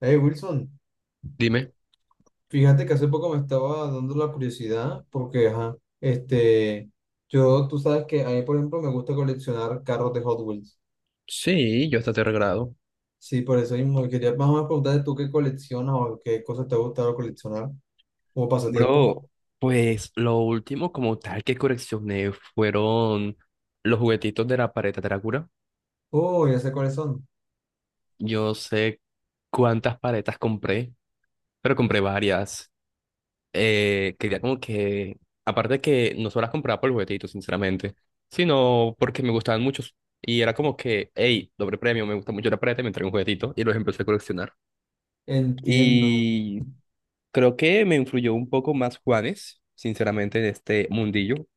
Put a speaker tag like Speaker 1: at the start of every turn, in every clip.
Speaker 1: Hey Wilson,
Speaker 2: Dime.
Speaker 1: fíjate que hace poco me estaba dando la curiosidad porque, ajá, yo, tú sabes que a mí, por ejemplo, me gusta coleccionar carros de Hot Wheels.
Speaker 2: Sí, yo hasta tercer grado.
Speaker 1: Sí, por eso mismo, y quería más o menos preguntarte tú qué coleccionas o qué cosas te ha gustado coleccionar como pasatiempo.
Speaker 2: Bro, pues lo último como tal que coleccioné fueron los juguetitos de la paleta Drácula.
Speaker 1: Oh, ya sé cuáles son.
Speaker 2: Yo no sé cuántas paletas compré, pero compré varias. Quería como que, aparte de que no solo las compraba por el juguetito, sinceramente, sino porque me gustaban muchos. Y era como que, hey, doble premio, me gusta mucho la paleta, me trae un juguetito y los empecé a coleccionar.
Speaker 1: Entiendo.
Speaker 2: Y creo que me influyó un poco más Juanes, sinceramente, en este mundillo,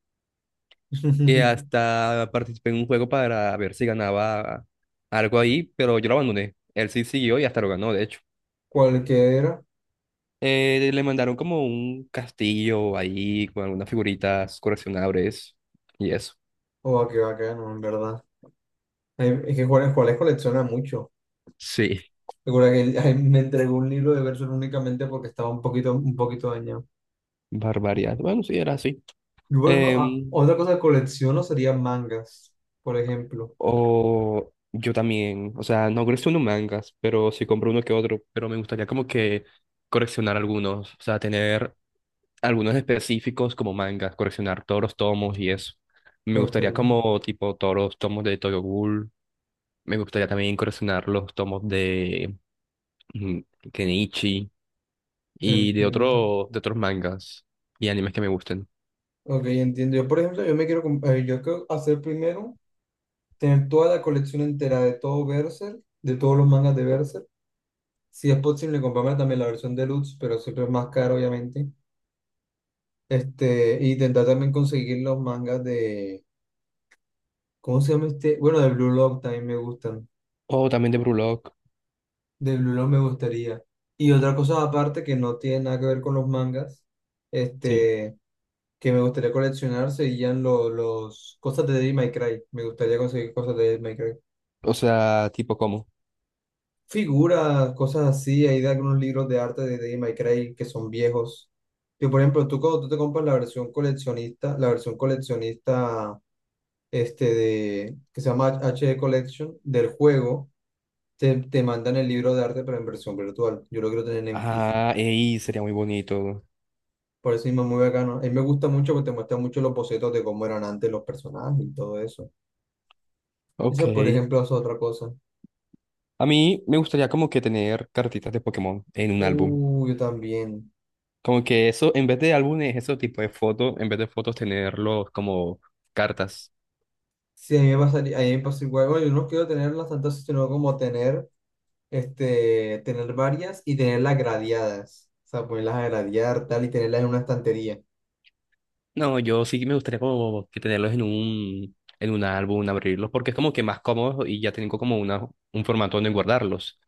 Speaker 2: que hasta participé en un juego para ver si ganaba algo ahí, pero yo lo abandoné. Él sí siguió y hasta lo ganó, de hecho.
Speaker 1: Cualquiera.
Speaker 2: Le mandaron como un castillo ahí con algunas figuritas coleccionables y eso.
Speaker 1: Oh, qué bacano, en verdad. Hay- Es que Juárez colecciona mucho.
Speaker 2: Sí,
Speaker 1: Recuerda que él- me entregó un libro de versos únicamente porque estaba un poquito dañado.
Speaker 2: barbaridad. Bueno, sí, era así.
Speaker 1: Yo, por ejemplo, ah,
Speaker 2: Em,
Speaker 1: otra cosa que colecciono serían mangas, por ejemplo.
Speaker 2: o yo también, o sea, no colecciono mangas, pero sí compro uno que otro, pero me gustaría como que coleccionar algunos, o sea, tener algunos específicos como mangas, coleccionar todos los tomos y eso. Me
Speaker 1: Ok,
Speaker 2: gustaría como tipo todos los tomos de Tokyo Ghoul. Me gustaría también coleccionar los tomos de mm, Kenichi y de
Speaker 1: entiendo.
Speaker 2: otros mangas y animes que me gusten.
Speaker 1: Ok, entiendo. Yo, por ejemplo, yo me quiero, comp- yo quiero hacer primero, tener toda la colección entera de todo Berserk, de todos los mangas de Berserk. Si es posible, comprarme también la versión deluxe, pero siempre es más caro, obviamente. Este, y intentar también conseguir los mangas de, ¿cómo se llama este? Bueno, de Blue Lock también me gustan.
Speaker 2: O también de Brulock,
Speaker 1: De Blue Lock me gustaría. Y otra cosa aparte que no tiene nada que ver con los mangas,
Speaker 2: sí.
Speaker 1: este, que me gustaría coleccionar serían los cosas de Devil May Cry. Me gustaría conseguir cosas de Devil May Cry.
Speaker 2: O sea, tipo como.
Speaker 1: Figuras, cosas así. Hay de algunos libros de arte de Devil May Cry que son viejos. Que por ejemplo, tú cuando tú te compras la versión coleccionista este de, que se llama HD Collection del juego, te mandan el libro de arte pero en versión virtual. Yo lo quiero tener en físico.
Speaker 2: Ah, ey, sería muy bonito.
Speaker 1: Por eso mismo es muy bacano. A mí me gusta mucho porque te muestra mucho los bocetos de cómo eran antes los personajes y todo eso.
Speaker 2: Ok.
Speaker 1: Esa, por ejemplo, es otra cosa.
Speaker 2: A mí me gustaría como que tener cartitas de Pokémon en un álbum.
Speaker 1: Yo también.
Speaker 2: Como que eso, en vez de álbumes, eso tipo de fotos, en vez de fotos, tenerlos como cartas.
Speaker 1: Sí, a mí me pasaría, a mí me pasó igual. Bueno, yo no quiero tenerlas tantas, sino como tener, este, tener varias y tenerlas gradeadas. O sea, ponerlas a gradear, tal, y tenerlas en una estantería.
Speaker 2: No, yo sí me gustaría como que tenerlos en un álbum, abrirlos, porque es como que más cómodo y ya tengo como un formato donde guardarlos.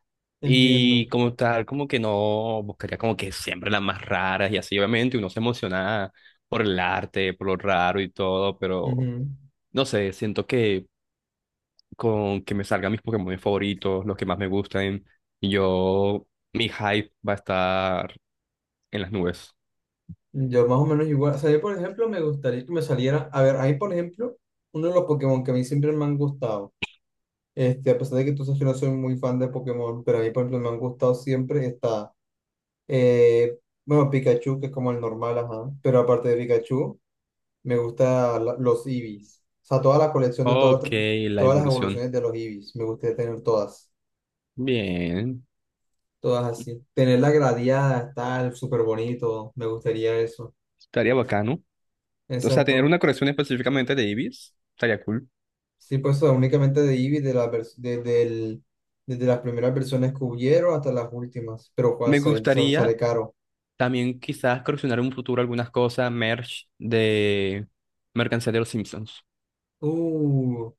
Speaker 2: Y
Speaker 1: Entiendo.
Speaker 2: como tal, como que no, buscaría como que siempre las más raras y así, obviamente uno se emociona por el arte, por lo raro y todo, pero
Speaker 1: Ujú.
Speaker 2: no sé, siento que con que me salgan mis Pokémon favoritos, los que más me gusten, y yo, mi hype va a estar en las nubes.
Speaker 1: Yo más o menos igual. O sea, yo, por ejemplo, me gustaría que me saliera. A ver, ahí, por ejemplo, uno de los Pokémon que a mí siempre me han gustado. Este, a pesar de que tú sabes que no soy muy fan de Pokémon, pero a mí, por ejemplo, me han gustado siempre. Está, eh, bueno, Pikachu, que es como el normal, ajá. Pero aparte de Pikachu. Me gusta la- los Eevees. O sea, toda la colección de
Speaker 2: Ok, la
Speaker 1: todas las
Speaker 2: evolución.
Speaker 1: evoluciones de los Eevees. Me gustaría tener todas.
Speaker 2: Bien,
Speaker 1: Todas así. Tenerla gradeada, tal, súper bonito. Me gustaría eso.
Speaker 2: estaría bacano. O sea, tener
Speaker 1: Exacto.
Speaker 2: una colección específicamente de Ibis, estaría cool.
Speaker 1: Sí, pues o sea, únicamente de Eevee, de la vers- desde el- desde las primeras versiones que hubieron hasta las últimas. Pero
Speaker 2: Me
Speaker 1: pues, obviamente se sale
Speaker 2: gustaría
Speaker 1: caro.
Speaker 2: también quizás coleccionar en un futuro algunas cosas, merch de mercancía de los Simpsons,
Speaker 1: Uh,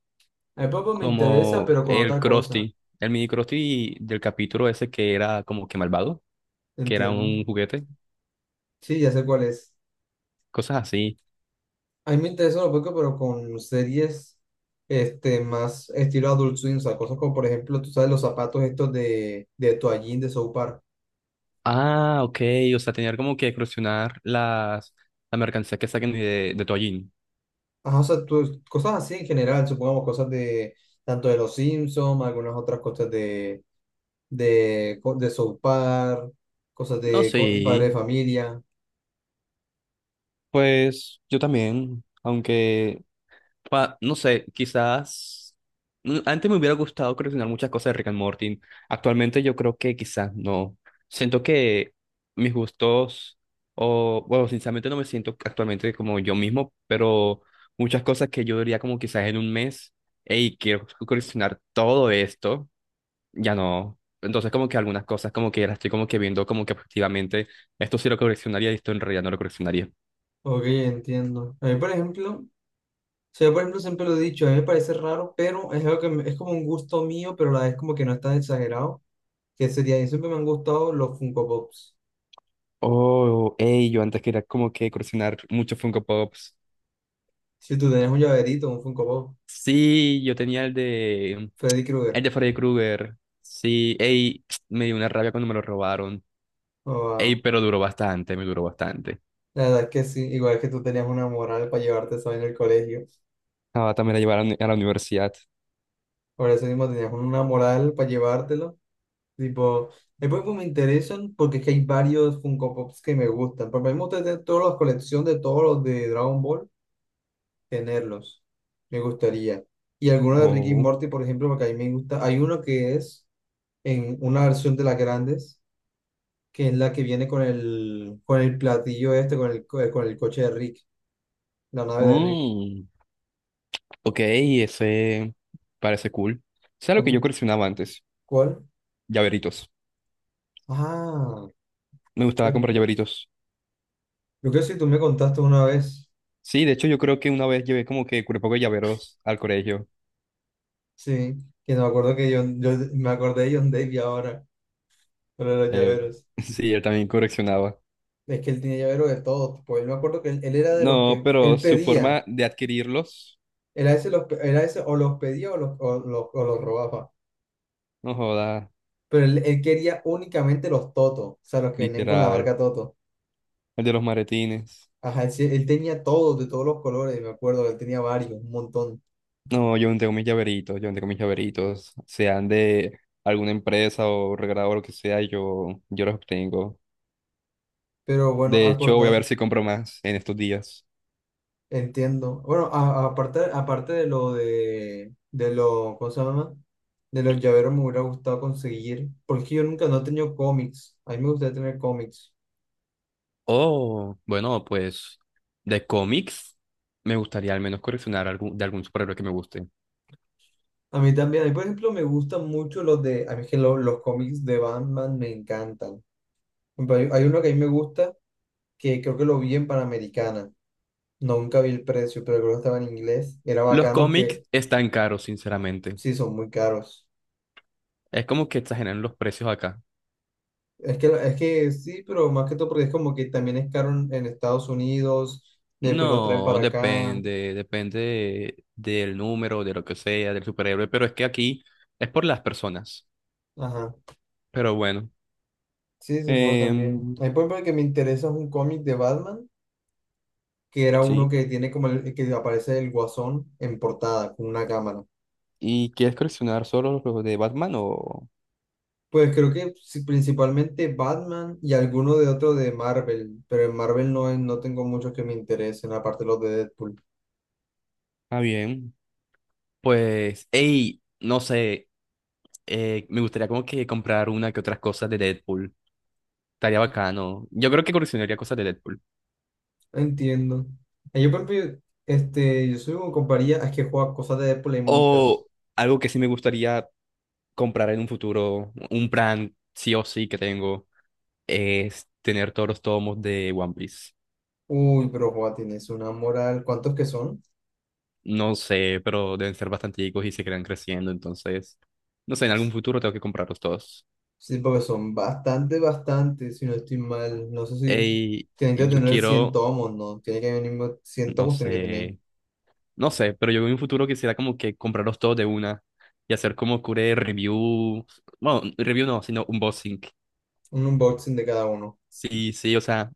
Speaker 1: a mí, papá me interesa,
Speaker 2: como
Speaker 1: pero con
Speaker 2: el
Speaker 1: otra cosa.
Speaker 2: Krusty, el mini Krusty del capítulo ese que era como que malvado, que era
Speaker 1: ¿Entienden?
Speaker 2: un juguete,
Speaker 1: Sí, ya sé cuál es.
Speaker 2: cosas así.
Speaker 1: A mí me interesa un poco, pero con series este, más estilo Adult Swim, o sea, cosas como, por ejemplo, tú sabes, los zapatos estos de toallín de South Park.
Speaker 2: Ah, ok, o sea, tener como que crucionar las, la mercancía que saquen de Toallín.
Speaker 1: Ajá, o sea, tú- cosas así en general, supongamos cosas de tanto de los Simpsons, algunas otras cosas de, co- de South Park, cosas
Speaker 2: No,
Speaker 1: de co- padre de
Speaker 2: sí,
Speaker 1: familia.
Speaker 2: pues yo también, aunque, pa- no sé, quizás, antes me hubiera gustado coleccionar muchas cosas de Rick and Morty, actualmente yo creo que quizás no, siento que mis gustos, o, bueno, sinceramente no me siento actualmente como yo mismo, pero muchas cosas que yo diría como quizás en un mes, hey, quiero coleccionar todo esto ya no. Entonces, como que algunas cosas, como que las estoy como que viendo como que objetivamente, esto sí lo coleccionaría y esto en realidad no lo coleccionaría.
Speaker 1: Ok, entiendo. A mí, por ejemplo, o sea, yo, por ejemplo, siempre lo he dicho, a mí me parece raro, pero es algo que me- es como un gusto mío, pero a la vez como que no está exagerado. Que sería, y siempre me han gustado los Funko Pops.
Speaker 2: Oh, ey, yo antes quería como que coleccionar muchos Funko Pops.
Speaker 1: Si tú tenías un llaverito, un Funko Pop,
Speaker 2: Sí, yo tenía el de,
Speaker 1: Freddy
Speaker 2: el
Speaker 1: Krueger.
Speaker 2: de Freddy Krueger. Sí, ey, me dio una rabia cuando me lo robaron. Ey,
Speaker 1: Oh,
Speaker 2: pero duró bastante, me duró bastante.
Speaker 1: la verdad es que sí, igual que tú tenías una moral para llevarte eso en el colegio.
Speaker 2: Ah, también la llevaron a la uni- a la universidad.
Speaker 1: Por eso mismo tenías una moral para llevártelo. Tipo, después pues me interesan porque es que hay varios Funko Pops que me gustan. Por ejemplo, mí me tener todas las colecciones de todos los de Dragon Ball, tenerlos. Me gustaría. Y algunos de Ricky y
Speaker 2: Oh.
Speaker 1: Morty, por ejemplo, porque a mí me gusta. Hay uno que es en una versión de las grandes que es la que viene con el platillo este, con el, co- con el coche de Rick, la nave de Rick.
Speaker 2: Mm, ok, ese parece cool. ¿Sabes lo que yo
Speaker 1: ¿Con-
Speaker 2: coleccionaba antes?
Speaker 1: ¿Cuál?
Speaker 2: Llaveritos.
Speaker 1: Ah,
Speaker 2: Me
Speaker 1: yo
Speaker 2: gustaba comprar llaveritos.
Speaker 1: creo que si tú me contaste una vez,
Speaker 2: Sí, de hecho yo creo que una vez llevé como que un poco de llaveros al colegio.
Speaker 1: sí, que no me acuerdo que John, yo me acordé de John Davy ahora, con lo de los
Speaker 2: Eh,
Speaker 1: llaveros.
Speaker 2: sí, él también coleccionaba.
Speaker 1: Es que él tiene llaveros de todo, pues yo me acuerdo que él era de los
Speaker 2: No,
Speaker 1: que,
Speaker 2: pero
Speaker 1: él
Speaker 2: su
Speaker 1: pedía,
Speaker 2: forma de adquirirlos,
Speaker 1: era ese, los, pe- era ese o los pedía o los, o los, o los robaba,
Speaker 2: no joda,
Speaker 1: pero él quería únicamente los Toto, o sea, los que venían con la
Speaker 2: literal.
Speaker 1: marca Toto.
Speaker 2: El de los maletines.
Speaker 1: Ajá, él, sí- él tenía todos, de todos los colores, me acuerdo, él tenía varios, un montón.
Speaker 2: No, yo no tengo mis llaveritos, yo no tengo mis llaveritos, sean de alguna empresa o regalado o lo que sea, yo los obtengo.
Speaker 1: Pero bueno,
Speaker 2: De hecho, voy a ver
Speaker 1: acordan,
Speaker 2: si compro más en estos días.
Speaker 1: entiendo. Bueno, a- aparte, aparte de lo, ¿cómo se llama? De los llaveros me hubiera gustado conseguir, porque yo nunca no he tenido cómics. A mí me gustaría tener cómics.
Speaker 2: Oh, bueno, pues de cómics me gustaría al menos coleccionar algún, de algún superhéroe que me guste.
Speaker 1: A mí también, a mí por ejemplo me gustan mucho los de, a mí es que lo- los, cómics de Batman me encantan. Por ejemplo, hay uno que a mí me gusta, que creo que lo vi en Panamericana. Nunca vi el precio, pero creo que estaba en inglés. Era
Speaker 2: Los
Speaker 1: bacano
Speaker 2: cómics
Speaker 1: que
Speaker 2: están caros, sinceramente.
Speaker 1: sí, son muy caros.
Speaker 2: Es como que exageran los precios acá.
Speaker 1: Es que sí, pero más que todo porque es como que también es caro en Estados Unidos, después los traen
Speaker 2: No,
Speaker 1: para acá.
Speaker 2: depende, depende del número, de lo que sea, del superhéroe, pero es que aquí es por las personas.
Speaker 1: Ajá.
Speaker 2: Pero bueno,
Speaker 1: Sí, supongo también.
Speaker 2: em,
Speaker 1: Hay por ejemplo, el que me interesa es un cómic de Batman, que era uno
Speaker 2: sí.
Speaker 1: que tiene como el, que aparece el Guasón en portada con una cámara.
Speaker 2: ¿Y quieres coleccionar solo los de Batman o...?
Speaker 1: Pues creo que sí, principalmente Batman y alguno de otro de Marvel, pero en Marvel no, es- no tengo muchos que me interesen, aparte los de Deadpool.
Speaker 2: Ah, bien. Pues, hey, no sé, me gustaría como que comprar una que otras cosas de Deadpool. Estaría bacano. Yo creo que coleccionaría cosas de Deadpool.
Speaker 1: Entiendo. Yo, por ejemplo, este, yo soy como con varias, es que juega cosas de Apple hay muchas.
Speaker 2: O algo que sí me gustaría comprar en un futuro, un plan sí o sí que tengo, es tener todos los tomos de One Piece.
Speaker 1: Uy, pero juega, tienes una moral. ¿Cuántos que son?
Speaker 2: No sé, pero deben ser bastanticos y se quedan creciendo, entonces, no sé, en algún futuro tengo que comprarlos todos.
Speaker 1: Sí, porque son bastante, bastante, si no estoy mal. No sé si
Speaker 2: Ey,
Speaker 1: tienen que
Speaker 2: y yo
Speaker 1: tener 100
Speaker 2: quiero,
Speaker 1: tomos, ¿no? Tiene que venir 100
Speaker 2: no
Speaker 1: tomos, tiene que tener
Speaker 2: sé. No sé, pero yo en un futuro quisiera como que comprarlos todos de una y hacer como cure review, bueno, review no, sino unboxing.
Speaker 1: un unboxing de cada uno.
Speaker 2: Sí, sí, o sea,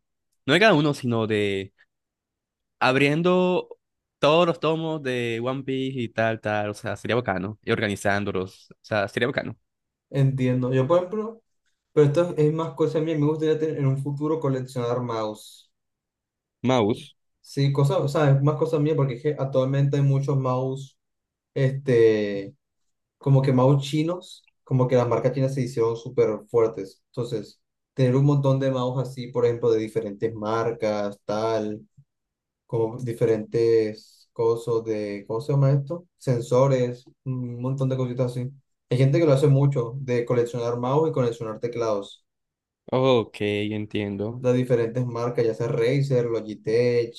Speaker 2: no de cada uno, sino de abriendo todos los tomos de One Piece y tal, tal, o sea, sería bacano, y organizándolos, o sea, sería bacano.
Speaker 1: Entiendo. Yo, por ejemplo, pero esto es más cosa mía. Me gustaría tener en un futuro coleccionar mouse.
Speaker 2: Mouse.
Speaker 1: Sí, cosas, o sea, es más cosa mía porque es que actualmente hay muchos mouse, este como que mouse chinos, como que las marcas chinas se hicieron súper fuertes. Entonces, tener un montón de mouse así, por ejemplo, de diferentes marcas, tal, como diferentes cosas de, ¿cómo se llama esto? Sensores, un montón de cositas así. Hay gente que lo hace mucho, de coleccionar mouse y coleccionar teclados
Speaker 2: Ok, entiendo.
Speaker 1: de diferentes marcas, ya sea Razer, Logitech,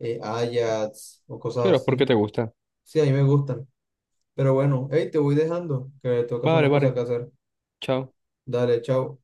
Speaker 1: Ajax o cosas
Speaker 2: Pero ¿por
Speaker 1: así.
Speaker 2: qué te gusta?
Speaker 1: Sí, a mí me gustan. Pero bueno, hey, te voy dejando, que tengo que hacer
Speaker 2: Vale,
Speaker 1: unas cosas
Speaker 2: vale.
Speaker 1: que hacer.
Speaker 2: Chao.
Speaker 1: Dale, chao.